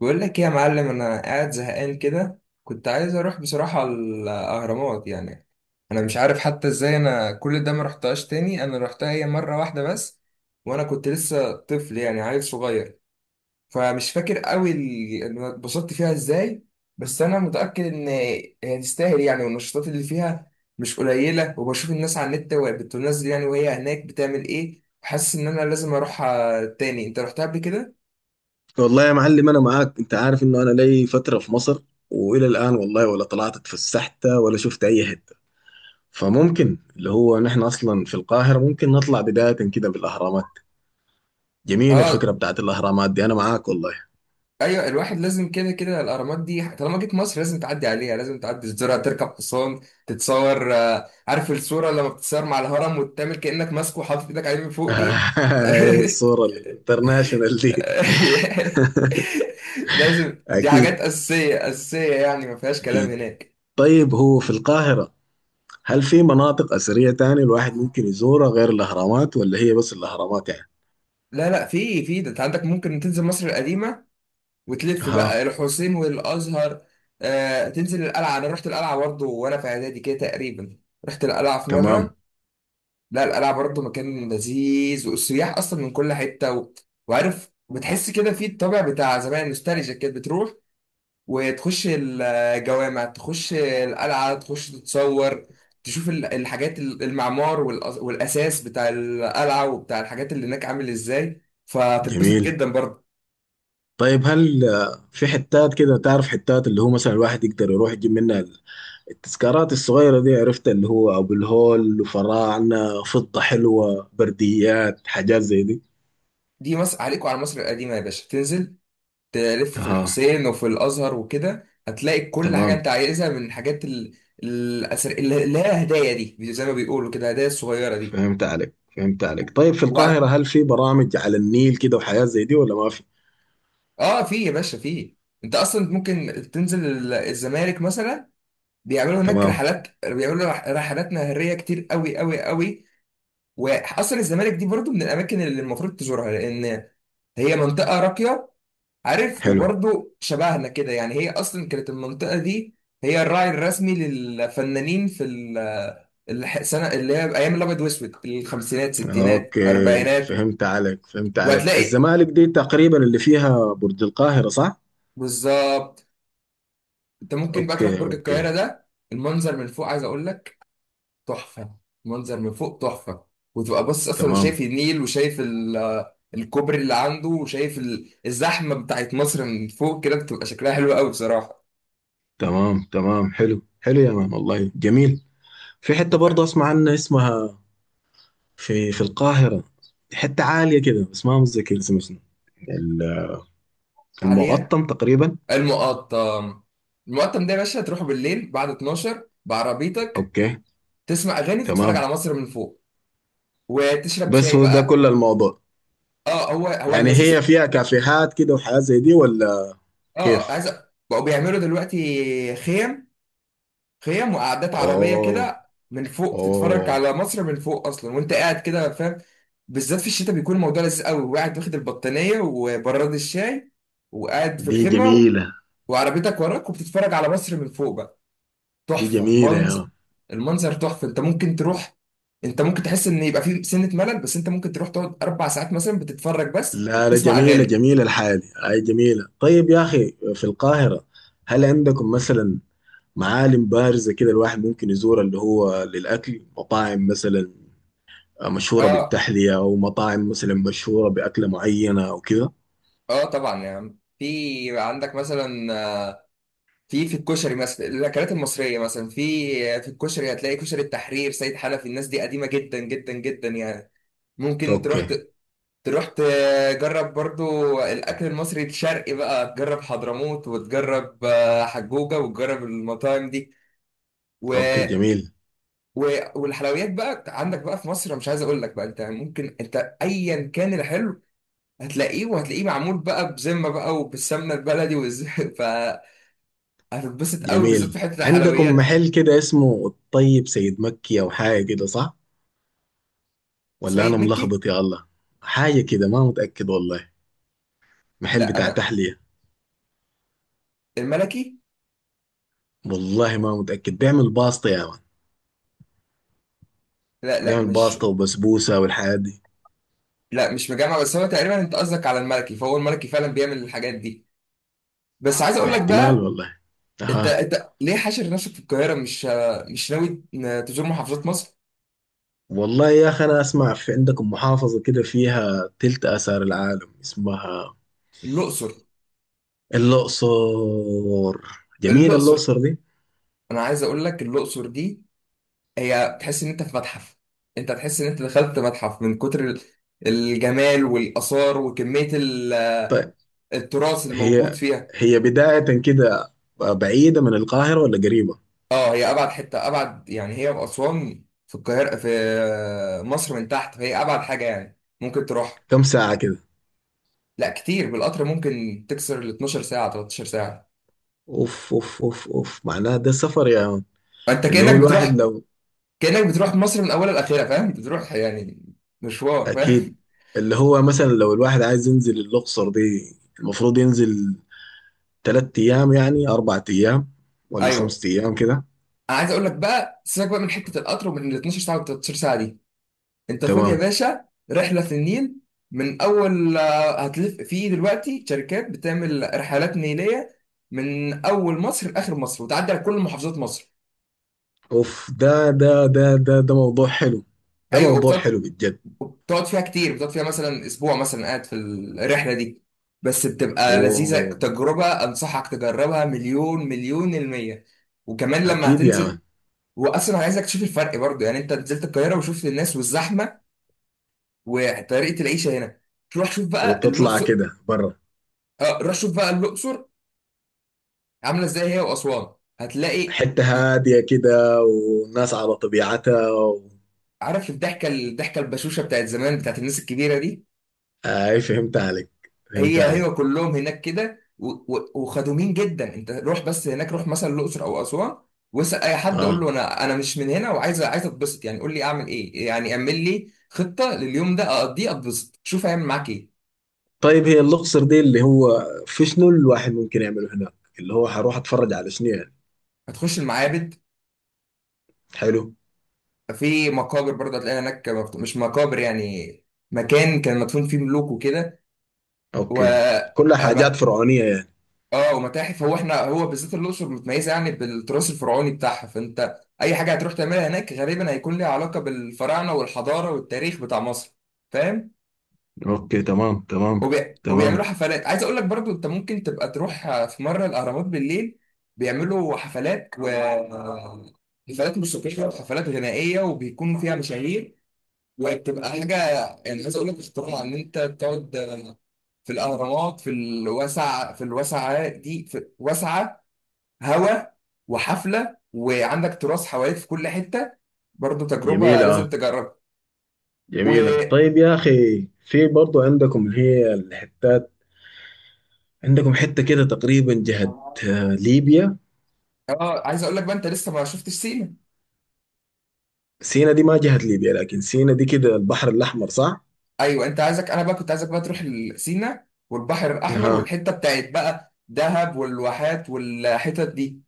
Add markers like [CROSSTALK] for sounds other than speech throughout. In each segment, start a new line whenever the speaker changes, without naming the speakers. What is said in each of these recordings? بقول لك ايه يا معلم، انا قاعد زهقان كده، كنت عايز اروح بصراحة الاهرامات يعني. انا مش عارف حتى ازاي انا كل ده ما رحتهاش تاني، انا رحتها هي مرة واحدة بس وانا كنت لسه طفل يعني، عيل صغير. فمش فاكر قوي انا اتبسطت فيها ازاي. بس انا متأكد ان هي تستاهل يعني، والنشاطات اللي فيها مش قليلة. وبشوف الناس على النت وهي بتنزل يعني، وهي هناك بتعمل ايه، حاسس ان انا لازم اروحها تاني. انت رحتها قبل كده؟
والله يا معلم انا معاك. انت عارف انه انا لي فتره في مصر والى الان والله ولا طلعت اتفسحت ولا شفت اي حته. فممكن اللي هو نحن اصلا في القاهره ممكن نطلع بدايه كده بالاهرامات. جميله الفكره
اه.
بتاعت الاهرامات دي انا معاك والله.
ايوه الواحد لازم، كده كده الاهرامات دي طالما جيت مصر لازم تعدي عليها، لازم تعدي تزورها، تركب حصان، تتصور. عارف الصوره لما بتتصور مع الهرم وتعمل كانك ماسكه وحاطط ايدك عليه من فوق دي.
[LAUGHS] الصوره الانترناشونال دي.
[LAUGHS] لازم
[LAUGHS]
دي حاجات
اكيد
اساسيه اساسيه يعني، ما فيهاش كلام
اكيد.
هناك.
طيب هو في القاهره هل في مناطق اثريه تاني الواحد ممكن يزورها غير الاهرامات ولا هي بس الاهرامات يعني؟
لا لا، في ده انت عندك، ممكن تنزل مصر القديمه وتلف
ها.
بقى الحسين والازهر. آه تنزل القلعه، انا رحت القلعه برضه وانا في اعدادي كده تقريبا، رحت القلعه في
تمام.
مره. لا القلعة برضه مكان لذيذ، والسياح أصلا من كل حتة وعارف بتحس كده في الطابع بتاع زمان، نوستالجيا كده بتروح وتخش الجوامع، تخش القلعة، تخش تتصور، تشوف الحاجات المعمار والأساس بتاع القلعة وبتاع الحاجات اللي هناك عامل إزاي، فتتبسط
جميل.
جدا برضه.
طيب هل في حتات كده تعرف حتات اللي هو مثلا الواحد يقدر يروح يجيب منها التذكارات الصغيرة دي. عرفت اللي هو أبو الهول وفراعنة فضة حلوة برديات حاجات زي دي.
دي مصر، عليكم على مصر القديمة يا باشا، تنزل تلف في
أها.
الحسين وفي الازهر وكده، هتلاقي كل حاجه
تمام.
انت عايزها من الحاجات الأثر، اللي هي هدايا دي، زي ما بيقولوا كده، هدايا الصغيره دي.
فهمت عليك فهمت عليك. طيب في القاهرة
وقت.
هل في برامج على النيل كده وحاجات زي دي ولا ما في؟
اه في يا باشا في، انت اصلا ممكن تنزل الزمالك مثلا، بيعملوا هناك
تمام.
رحلات، بيعملوا رحلات نهريه كتير قوي قوي قوي. واصلا الزمالك دي برضو من الاماكن اللي المفروض تزورها، لان هي منطقه راقيه. عارف،
حلو.
وبرضه شبهنا كده يعني، هي اصلا كانت المنطقه دي هي الراعي الرسمي للفنانين في السنه اللي هي ايام الابيض واسود، الخمسينات ستينات
أوكي
اربعينات.
فهمت عليك فهمت عليك.
وهتلاقي،
الزمالك دي تقريبا اللي فيها برج القاهرة صح؟
بالظبط. انت ممكن بقى تروح
أوكي
برج
أوكي.
القاهره ده، المنظر من فوق عايز اقول لك تحفه، المنظر من فوق تحفه. وتبقى باصص اصلا وشايف
تمام
النيل وشايف الكوبري اللي عنده، وشايف الزحمه بتاعت مصر من فوق كده بتبقى شكلها حلو قوي بصراحه.
تمام تمام. حلو حلو يا مان والله جميل. في حتة برضه أسمع عنها اسمها. في القاهرة حتة عالية كده بس ما متذكر اسمها شنو. ال-
عليا.
المقطم تقريبا.
المقطم. المقطم ده يا باشا تروح بالليل بعد 12 بعربيتك،
أوكي.
تسمع اغاني، تتفرج
تمام.
على مصر من فوق، وتشرب
بس
شاي
هو ده
بقى.
كل الموضوع.
اه هو هو
يعني
اللذيذ.
هي فيها كافيهات كده وحاجات زي دي ولا؟
اه آه،
كيف؟
عايز أ- بقوا بيعملوا دلوقتي خيم، خيم وقعدات عربيه
أوه.
كده من فوق، بتتفرج
أوه.
على مصر من فوق اصلا وانت قاعد كده، فاهم. بالذات في الشتاء بيكون الموضوع لذيذ قوي، وقاعد واخد البطانيه وبراد الشاي، وقاعد في
دي
الخيمه،
جميلة.
وعربيتك وراك، وبتتفرج على مصر من فوق بقى.
دي
تحفه
جميلة يا
منظر،
مان.
المنظر تحفه. انت ممكن تروح، انت ممكن تحس ان يبقى في سنه ملل، بس انت ممكن تروح تقعد 4 ساعات مثلا بتتفرج بس
لا لا
وبتسمع
جميلة
اغاني.
جميلة الحالي هاي جميلة. طيب يا أخي في القاهرة هل عندكم مثلا معالم بارزة كده الواحد ممكن يزورها اللي هو للأكل مطاعم مثلا مشهورة
اه.
بالتحلية أو مطاعم مثلا مشهورة بأكلة معينة أو كده؟
اه طبعا يا عم، في عندك مثلا، آه، في الكشري مثلا، الاكلات المصريه مثلا، في في الكشري هتلاقي كشري التحرير، سيد حنفي، الناس دي قديمه جدا جدا جدا يعني. ممكن تروح
أوكي
تروح تجرب برضو الاكل المصري الشرقي بقى، تجرب حضرموت، وتجرب حجوجه، وتجرب المطاعم دي.
أوكي جميل.
والحلويات بقى عندك بقى في مصر، أنا مش عايز اقول لك بقى، انت ايا كان الحلو هتلاقيه، وهتلاقيه معمول بقى بذمه بقى، وبالسمنه البلدي [LAUGHS] فهتتبسط قوي بالذات في
جميل
حته
عندكم
الحلويات دي.
محل كده اسمه الطيب سيد مكي أو حاجة كده صح؟ ولا أنا
سيد مكي.
ملخبط يا الله؟ حاجة كده ما متأكد والله. محل
لا
بتاع
انا.
تحلية.
الملكي.
والله ما متأكد بيعمل باسطة يا مان.
لا لا،
بيعمل
مش
باسطة وبسبوسة والحاجات دي.
لا مش مجمع، بس هو تقريبا انت قصدك على الملكي، فهو الملكي فعلا بيعمل الحاجات دي. بس عايز اقول لك
احتمال
بقى،
والله.
انت
أها.
انت ليه حاشر نفسك في القاهره، مش ناوي تزور محافظات مصر؟
والله يا أخي أنا أسمع في عندكم محافظة كده فيها تلت آثار العالم اسمها
الاقصر.
الأقصر. جميلة
الاقصر،
الأقصر دي.
انا عايز اقول لك الاقصر دي، هي تحس ان انت في متحف، انت تحس ان انت دخلت متحف من كتر الجمال والاثار وكميه
طيب
التراث الموجود
هي
فيها.
هي بداية كده بعيدة من القاهرة ولا قريبة؟
اه هي ابعد حته، ابعد يعني، هي واسوان في القاهره، في مصر من تحت، فهي ابعد حاجه يعني ممكن تروح.
كم ساعة كده؟
لا كتير، بالقطر ممكن تكسر ال 12 ساعه 13 ساعه.
أوف أوف أوف أوف معناها ده سفر يا يعني.
فانت
اللي هو
كانك
الواحد
بتروح
لو.
كانك بتروح مصر من اولها لاخرها، فاهم، بتروح يعني مشوار، فاهم.
أكيد. اللي هو مثلا لو الواحد عايز ينزل الأقصر دي المفروض ينزل تلات أيام يعني أربع أيام
[LAUGHS]
ولا
ايوه.
خمس أيام كده.
انا عايز اقول لك بقى، سيبك بقى من حته القطر ومن ال 12 ساعه وال 13 ساعه دي، انت خد يا
تمام.
باشا رحله في النيل، من اول هتلف في، دلوقتي شركات بتعمل رحلات نيليه من اول مصر لاخر مصر وتعدي على كل محافظات مصر.
اوف ده موضوع حلو. ده
ايوه،
موضوع
وبتقعد
حلو بالجد.
بتقعد فيها كتير، بتقعد فيها مثلا اسبوع مثلا قاعد في الرحله دي، بس بتبقى لذيذه،
اوه.
تجربه انصحك تجربها، مليون المية. وكمان لما
اكيد يا
هتنزل،
مان.
واصلا عايزك تشوف الفرق برضه يعني، انت نزلت القاهره وشفت الناس والزحمه وطريقه العيشه هنا، تروح شوف بقى
وتطلع
الاقصر.
كده برا.
اه روح شوف بقى الاقصر عامله ازاي هي واسوان. هتلاقي،
حتة هادية كده والناس على طبيعتها و...
عارف، الضحكه البشوشه بتاعت زمان، بتاعت الناس الكبيره دي،
اي فهمت عليك. فهمت
هي
عليك.
كلهم هناك كده، وخدومين جدا. انت روح بس هناك، روح مثلا الاقصر او اسوان، واسال اي حد، قول
اه
له انا مش من هنا، وعايز عايز اتبسط يعني، قول لي اعمل ايه يعني، اعمل لي خطه لليوم ده اقضيه اتبسط، شوف هيعمل معاك ايه.
طيب هي الاقصر دي اللي هو في شنو الواحد ممكن يعمله هناك؟ اللي هو حروح اتفرج على شنو يعني؟
هتخش المعابد،
حلو.
في مقابر برضه هتلاقي هناك مش مقابر يعني، مكان كان مدفون فيه ملوك وكده. و
اوكي. كلها حاجات فرعونية يعني.
اه ومتاحف. هو بالذات الاقصر متميزه يعني بالتراث الفرعوني بتاعها، فانت اي حاجه هتروح تعملها هناك غالبا هيكون ليها علاقه بالفراعنه والحضاره والتاريخ بتاع مصر، فاهم.
اوكي تمام تمام
وبيعملوا
تمام.
حفلات، عايز اقول لك برضو، انت ممكن تبقى تروح في مره الاهرامات بالليل، بيعملوا حفلات، و حفلات موسيقيه وحفلات غنائيه، وبيكون فيها مشاهير، وبتبقى حاجه، يعني عايز اقول لك اختراع، ان انت تقعد في الاهرامات، في الواسعه، في الواسعه دي، في واسعه، هوا، وحفله، وعندك تراث حواليك في كل حته، برضو تجربه لازم
جميلة
تجربها.
جميلة.
و
طيب يا أخي في برضو عندكم اللي هي الحتات. عندكم حتة كده تقريبا جهة ليبيا.
اه عايز اقول لك بقى، انت لسه ما شفتش سينا.
سينا دي ما جهة ليبيا لكن سينا دي كده البحر الأحمر صح؟
ايوه عايزك، انا بقى كنت عايزك بقى تروح سينا والبحر الاحمر،
ها.
والحته بتاعت بقى دهب والواحات والحتت دي.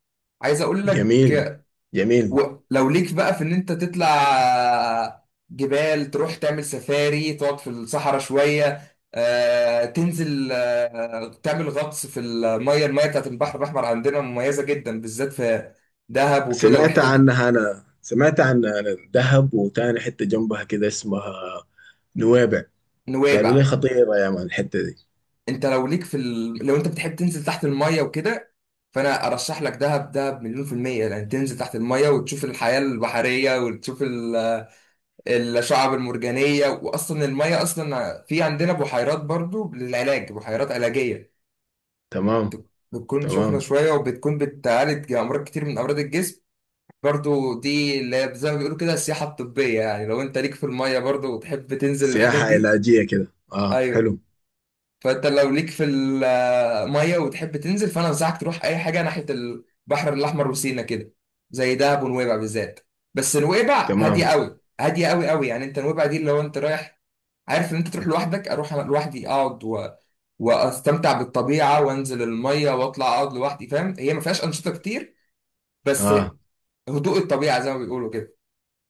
عايز اقول لك،
جميل جميل.
ولو ليك بقى في ان انت تطلع جبال، تروح تعمل سفاري، تقعد في الصحراء شوية، تنزل تعمل غطس في المية بتاعت البحر الأحمر عندنا مميزة جدا بالذات في دهب وكده
سمعت
والحتت دي.
عنها. أنا سمعت عن دهب وتاني حتة جنبها كده اسمها نويبع. قالوا لي
نويبع.
خطيرة يا مان الحتة دي.
انت لو ليك لو انت بتحب تنزل تحت المية وكده، فانا ارشح لك دهب، دهب مليون في المية، لان تنزل تحت المية وتشوف الحياة البحرية وتشوف الشعب المرجانية. وأصلا المية أصلا، في عندنا بحيرات برضو للعلاج، بحيرات علاجية
تمام
بتكون سخنة
تمام.
شوية وبتكون بتعالج أمراض كتير من أمراض الجسم. برضو دي اللي هي زي ما بيقولوا كده السياحة الطبية يعني، لو أنت ليك في المية برضو وتحب تنزل الحاجات
سياحة
دي.
علاجية كده اه
أيوة.
حلو.
فأنت لو ليك في المية وتحب تنزل، فأنا أنصحك تروح أي حاجة ناحية البحر الأحمر وسينا كده، زي دهب ونويبع بالذات. بس نويبع هادية
تمام.
أوي، هادية أوي أوي يعني، أنت نويبع دي اللي هو أنت رايح عارف ان انت تروح لوحدك، اروح انا لوحدي اقعد واستمتع بالطبيعه وانزل الميه واطلع اقعد لوحدي، فاهم، هي ما فيهاش انشطه كتير، بس
اه.
هدوء الطبيعه زي ما بيقولوا كده.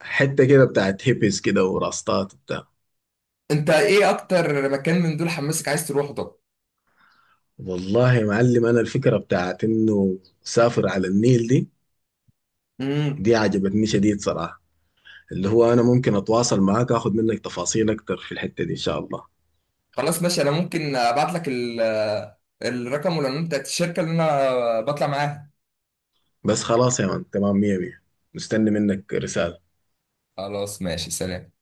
حتة كده بتاعت هيبس كده وراستات.
انت ايه اكتر مكان من دول حماسك عايز تروحه؟ طب.
والله يا معلم انا الفكره بتاعت انه سافر على النيل دي.
امم
دي عجبتني شديد صراحه. اللي هو انا ممكن اتواصل معاك اخد منك تفاصيل اكتر في الحته دي ان شاء الله.
خلاص ماشي، انا ممكن ابعت لك الرقم والعنوان بتاعت الشركه اللي انا بطلع معاها.
بس خلاص يا مان تمام مية مية. مستني منك رساله.
خلاص ماشي، سلام.